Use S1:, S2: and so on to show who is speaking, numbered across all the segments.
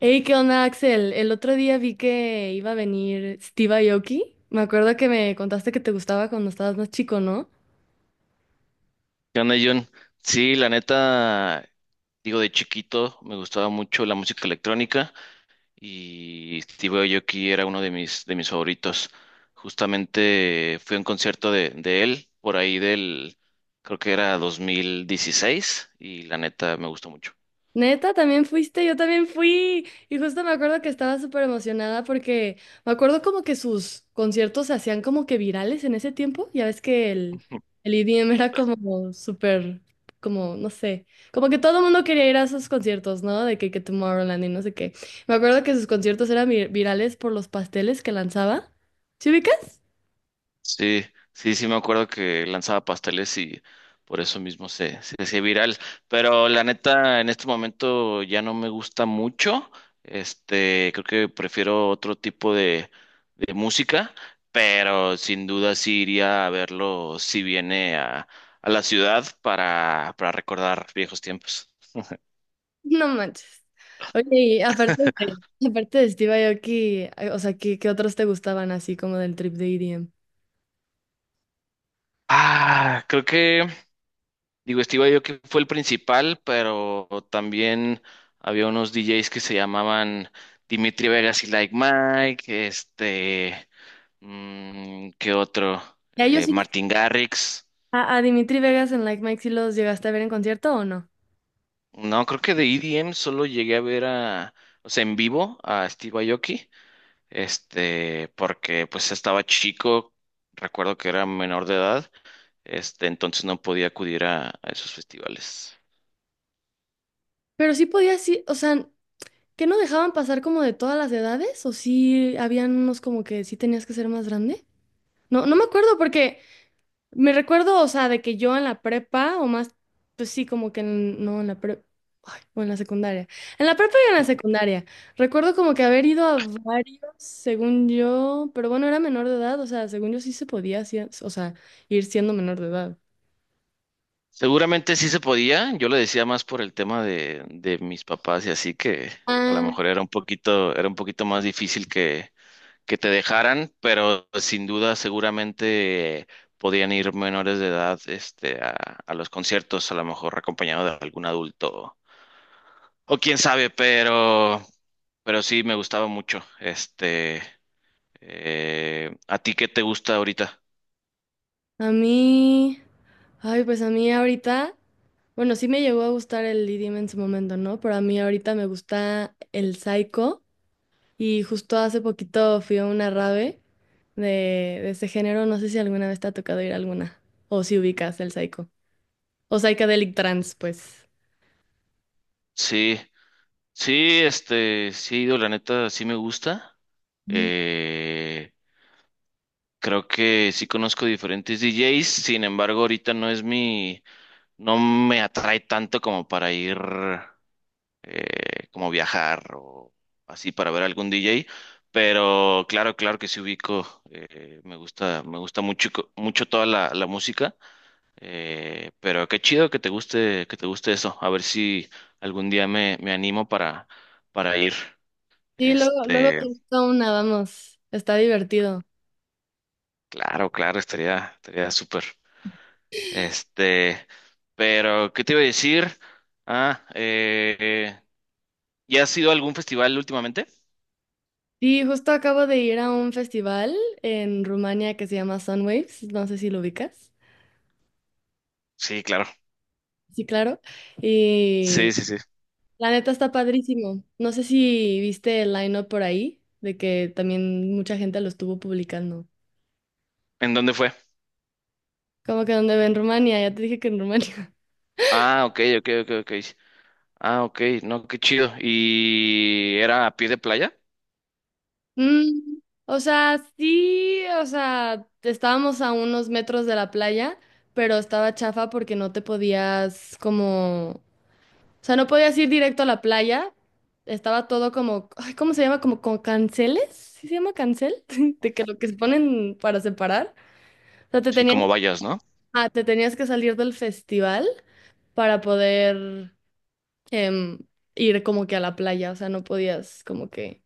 S1: Hey, ¿qué onda, Axel? El otro día vi que iba a venir Steve Aoki. Me acuerdo que me contaste que te gustaba cuando estabas más chico, ¿no?
S2: ¿Qué onda, Jun? Sí, la neta, digo, de chiquito me gustaba mucho la música electrónica y Steve Aoki era uno de mis favoritos. Justamente fui a un concierto de él por ahí creo que era 2016 y la neta me gustó mucho.
S1: Neta, también fuiste, yo también fui. Y justo me acuerdo que estaba súper emocionada porque me acuerdo como que sus conciertos se hacían como que virales en ese tiempo. Ya ves que el EDM era como súper, como, no sé, como que todo el mundo quería ir a sus conciertos, ¿no? De que Tomorrowland y no sé qué. Me acuerdo que sus conciertos eran virales por los pasteles que lanzaba. ¿Sí ubicas?
S2: Sí, sí, sí me acuerdo que lanzaba pasteles y por eso mismo se hacía viral. Pero la neta, en este momento ya no me gusta mucho. Creo que prefiero otro tipo de música, pero sin duda sí iría a verlo si viene a la ciudad para recordar viejos tiempos.
S1: No manches. Oye, y aparte de Steve Aoki, o sea, qué otros te gustaban así como del trip de EDM?
S2: Ah, creo que. Digo, Steve Aoki fue el principal, pero también había unos DJs que se llamaban Dimitri Vegas y Like Mike, ¿qué otro?
S1: Ya ellos sí.
S2: Martin Garrix.
S1: A Dimitri Vegas en Like Mike sí los llegaste a ver en concierto o no.
S2: No, creo que de EDM solo llegué a ver a, o sea, en vivo a Steve Aoki, porque pues estaba chico, recuerdo que era menor de edad, entonces no podía acudir a esos festivales.
S1: Pero sí podía, sí, o sea, ¿que no dejaban pasar como de todas las edades? ¿O sí habían unos como que sí tenías que ser más grande? No, no me acuerdo porque me recuerdo, o sea, de que yo en la prepa o más, pues sí, como que no en la prepa. O en la secundaria. En la prepa y en la secundaria. Recuerdo como que haber ido a varios, según yo, pero bueno, era menor de edad, o sea, según yo sí se podía, sí, o sea, ir siendo menor de edad.
S2: Seguramente sí se podía, yo lo decía más por el tema de mis papás y así que a lo
S1: Ah,
S2: mejor era un poquito más difícil que te dejaran, pero sin duda seguramente podían ir menores de edad a los conciertos, a lo mejor acompañado de algún adulto o quién sabe, pero sí me gustaba mucho. ¿A ti qué te gusta ahorita?
S1: a mí, ay, pues a mí ahorita, bueno, sí me llegó a gustar el idioma en su momento, ¿no? Pero a mí ahorita me gusta el psycho y justo hace poquito fui a una rave de ese género, no sé si alguna vez te ha tocado ir a alguna o si ubicas el psycho o psychedelic trance, pues.
S2: Sí. Sí, sí he ido, la neta, sí me gusta.
S1: Ujú.
S2: Eh, Creo que sí conozco diferentes DJs, sin embargo, ahorita no es no me atrae tanto como para ir, como viajar o así para ver algún DJ, pero claro, claro que sí ubico, me gusta mucho, mucho toda la música, pero qué chido que te guste eso, a ver si algún día me animo para ir.
S1: Sí, luego
S2: Este,
S1: te gusta una, vamos, está divertido.
S2: claro, claro, estaría súper. Este, pero, ¿qué te iba a decir? Ah, ¿ya has ido a algún festival últimamente?
S1: Sí, justo acabo de ir a un festival en Rumania que se llama Sunwaves, no sé si lo ubicas.
S2: Sí, claro.
S1: Sí, claro.
S2: Sí, sí, sí.
S1: La neta está padrísimo. No sé si viste el line-up por ahí, de que también mucha gente lo estuvo publicando.
S2: ¿En dónde fue?
S1: Como que donde ve en Rumania, ya te dije que en Rumania.
S2: Ah, ok, ok, ok, ok. Ah, ok, no, qué chido. ¿Y era a pie de playa?
S1: Mm, o sea, sí, o sea, estábamos a unos metros de la playa, pero estaba chafa porque no te podías como, o sea, no podías ir directo a la playa. Estaba todo como, ay, ¿cómo se llama? Como con canceles, ¿sí se llama cancel? De que lo que se ponen para separar. O sea, te
S2: Sí,
S1: tenías...
S2: como vayas, ¿no?
S1: Ah, te tenías que salir del festival para poder em, ir como que a la playa, o sea, no podías como que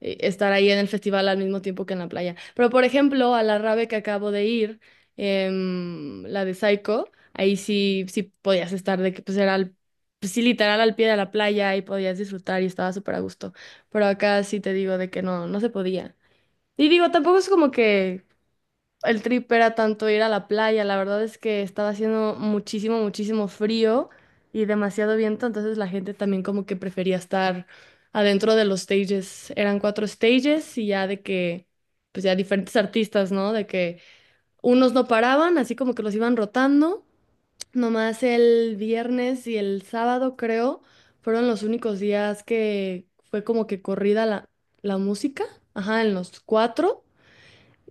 S1: estar ahí en el festival al mismo tiempo que en la playa. Pero por ejemplo, a la rave que acabo de ir, la de Psycho, ahí sí, sí podías estar de que pues era al, pues, sí, literal al pie de la playa y podías disfrutar y estaba súper a gusto. Pero acá sí te digo de que no, no se podía. Y digo, tampoco es como que el trip era tanto ir a la playa, la verdad es que estaba haciendo muchísimo, muchísimo frío y demasiado viento, entonces la gente también como que prefería estar adentro de los stages. Eran cuatro stages y ya de que, pues ya diferentes artistas, ¿no? De que unos no paraban, así como que los iban rotando. Nomás el viernes y el sábado, creo, fueron los únicos días que fue como que corrida la música, ajá, en los cuatro.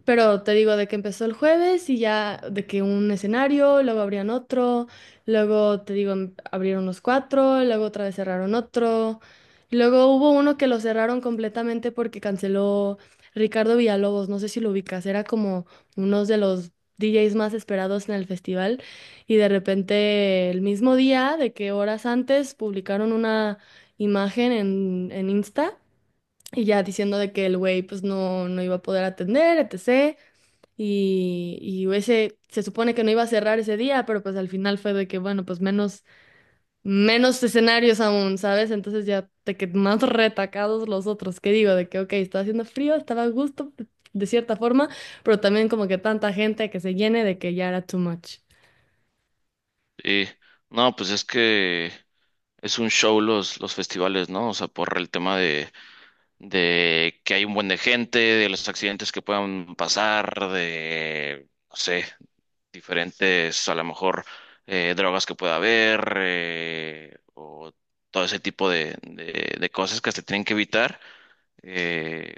S1: Pero te digo de que empezó el jueves y ya de que un escenario, luego abrían otro, luego te digo abrieron los cuatro, luego otra vez cerraron otro. Y luego hubo uno que lo cerraron completamente porque canceló Ricardo Villalobos, no sé si lo ubicas, era como uno de los DJs más esperados en el festival y de repente el mismo día, de que horas antes publicaron una imagen en Insta. Y ya diciendo de que el güey pues no, no iba a poder atender, etc. Y, y ese se supone que no iba a cerrar ese día, pero pues al final fue de que, bueno, pues menos, menos escenarios aún, ¿sabes? Entonces ya te que más retacados los otros, que digo, de que, ok, estaba haciendo frío, estaba a gusto de cierta forma, pero también como que tanta gente que se llene de que ya era too much.
S2: Sí. No, pues es que es un show los festivales, ¿no? O sea, por el tema de que hay un buen de gente, de los accidentes que puedan pasar, de, no sé, diferentes, a lo mejor, drogas que pueda haber, o todo ese tipo de cosas que se tienen que evitar. Eh,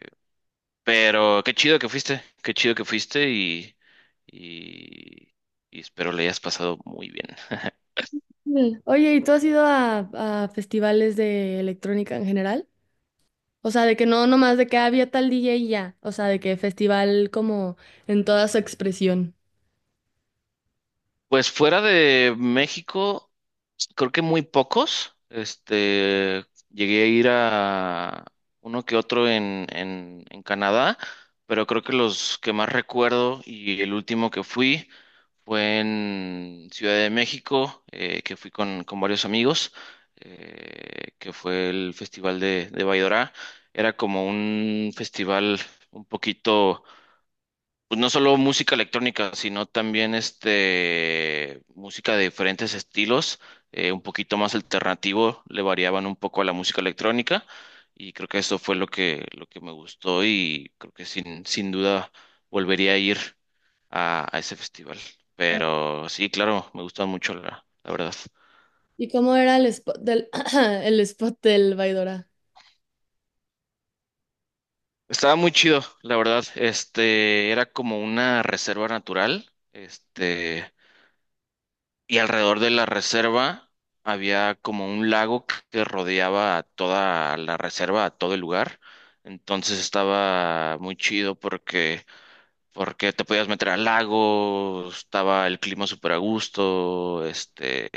S2: pero qué chido que fuiste y, y espero le hayas pasado muy bien.
S1: Mm. Oye, ¿y tú has ido a festivales de electrónica en general? O sea, de que no, nomás de que había tal DJ y ya, o sea, de que festival como en toda su expresión.
S2: Pues fuera de México, creo que muy pocos. Llegué a ir a uno que otro en Canadá, pero creo que los que más recuerdo y el último que fui fue en Ciudad de México, que fui con varios amigos, que fue el Festival de Baidora. Era como un festival un poquito pues no solo música electrónica, sino también música de diferentes estilos, un poquito más alternativo, le variaban un poco a la música electrónica y creo que eso fue lo que me gustó y creo que sin duda volvería a ir a ese festival. Pero sí, claro, me gustó mucho la verdad.
S1: ¿Y cómo era el spot del, el spot del Baidora?
S2: Estaba muy chido, la verdad. Este era como una reserva natural. Este Y alrededor de la reserva había como un lago que rodeaba a toda la reserva, a todo el lugar. Entonces estaba muy chido porque te podías meter al lago, estaba el clima súper a gusto,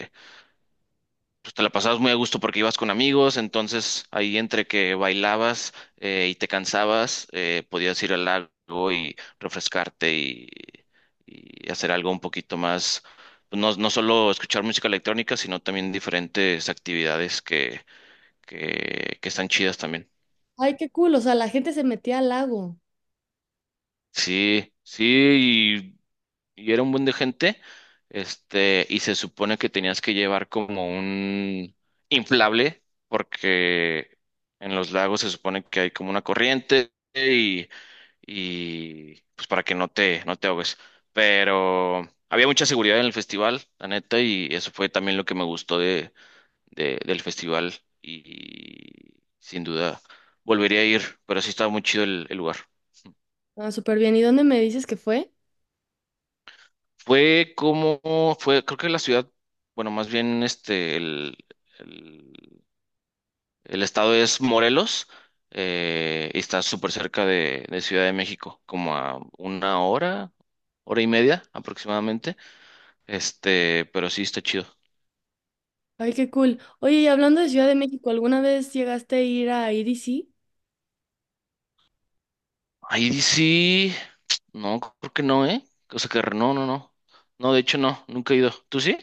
S2: pues te la pasabas muy a gusto porque ibas con amigos, entonces ahí entre que bailabas y te cansabas, podías ir al lago y refrescarte y hacer algo un poquito más, pues, no, no solo escuchar música electrónica, sino también diferentes actividades que están chidas también.
S1: Ay, qué cool. O sea, la gente se metía al lago.
S2: Sí, sí, y era un buen de gente, y se supone que tenías que llevar como un inflable, porque en los lagos se supone que hay como una corriente y pues para que no te ahogues. Pero había mucha seguridad en el festival, la neta, y eso fue también lo que me gustó del festival y sin duda volvería a ir, pero sí estaba muy chido el lugar.
S1: Ah, súper bien. ¿Y dónde me dices que fue?
S2: Fue como, creo que la ciudad, bueno, más bien el, el estado es Morelos, y está súper cerca de Ciudad de México, como a una hora, hora y media aproximadamente, pero sí está chido.
S1: Ay, qué cool. Oye, y hablando de Ciudad de México, ¿alguna vez llegaste a ir a IDC?
S2: Ahí sí, no, creo que no, ¿eh? O sea que no, no, no. No, de hecho no, nunca he ido. ¿Tú sí?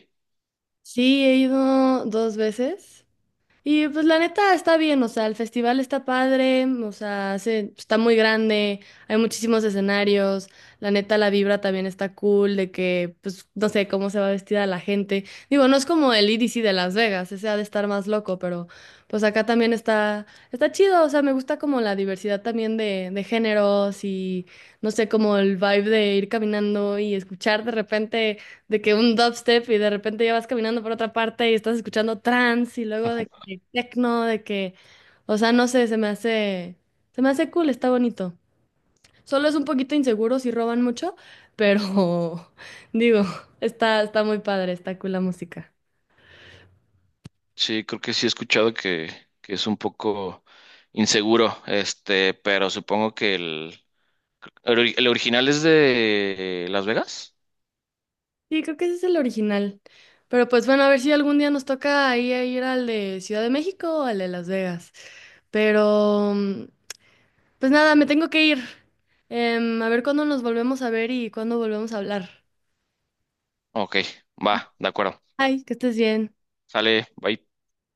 S1: Sí, he ido 2 veces. Y pues la neta está bien, o sea, el festival está padre, o sea, está muy grande, hay muchísimos escenarios, la neta la vibra también está cool, de que, pues, no sé cómo se va vestida la gente. Digo, no es como el EDC de Las Vegas, ese ha de estar más loco, pero pues acá también está, está chido, o sea, me gusta como la diversidad también de géneros y, no sé, como el vibe de ir caminando y escuchar de repente de que un dubstep y de repente ya vas caminando por otra parte y estás escuchando trance y luego de que techno, de que, o sea, no sé, se me hace cool, está bonito. Solo es un poquito inseguro si roban mucho, pero digo, está, está muy padre, está cool la música.
S2: Sí, creo que sí he escuchado que es un poco inseguro, pero supongo que ¿El original es de Las Vegas?
S1: Sí, creo que ese es el original. Pero pues bueno, a ver si algún día nos toca ahí a ir al de Ciudad de México o al de Las Vegas. Pero... pues nada, me tengo que ir. Em, a ver cuándo nos volvemos a ver y cuándo volvemos a hablar.
S2: Ok, va, de acuerdo.
S1: Ay, que estés bien.
S2: Sale, bye.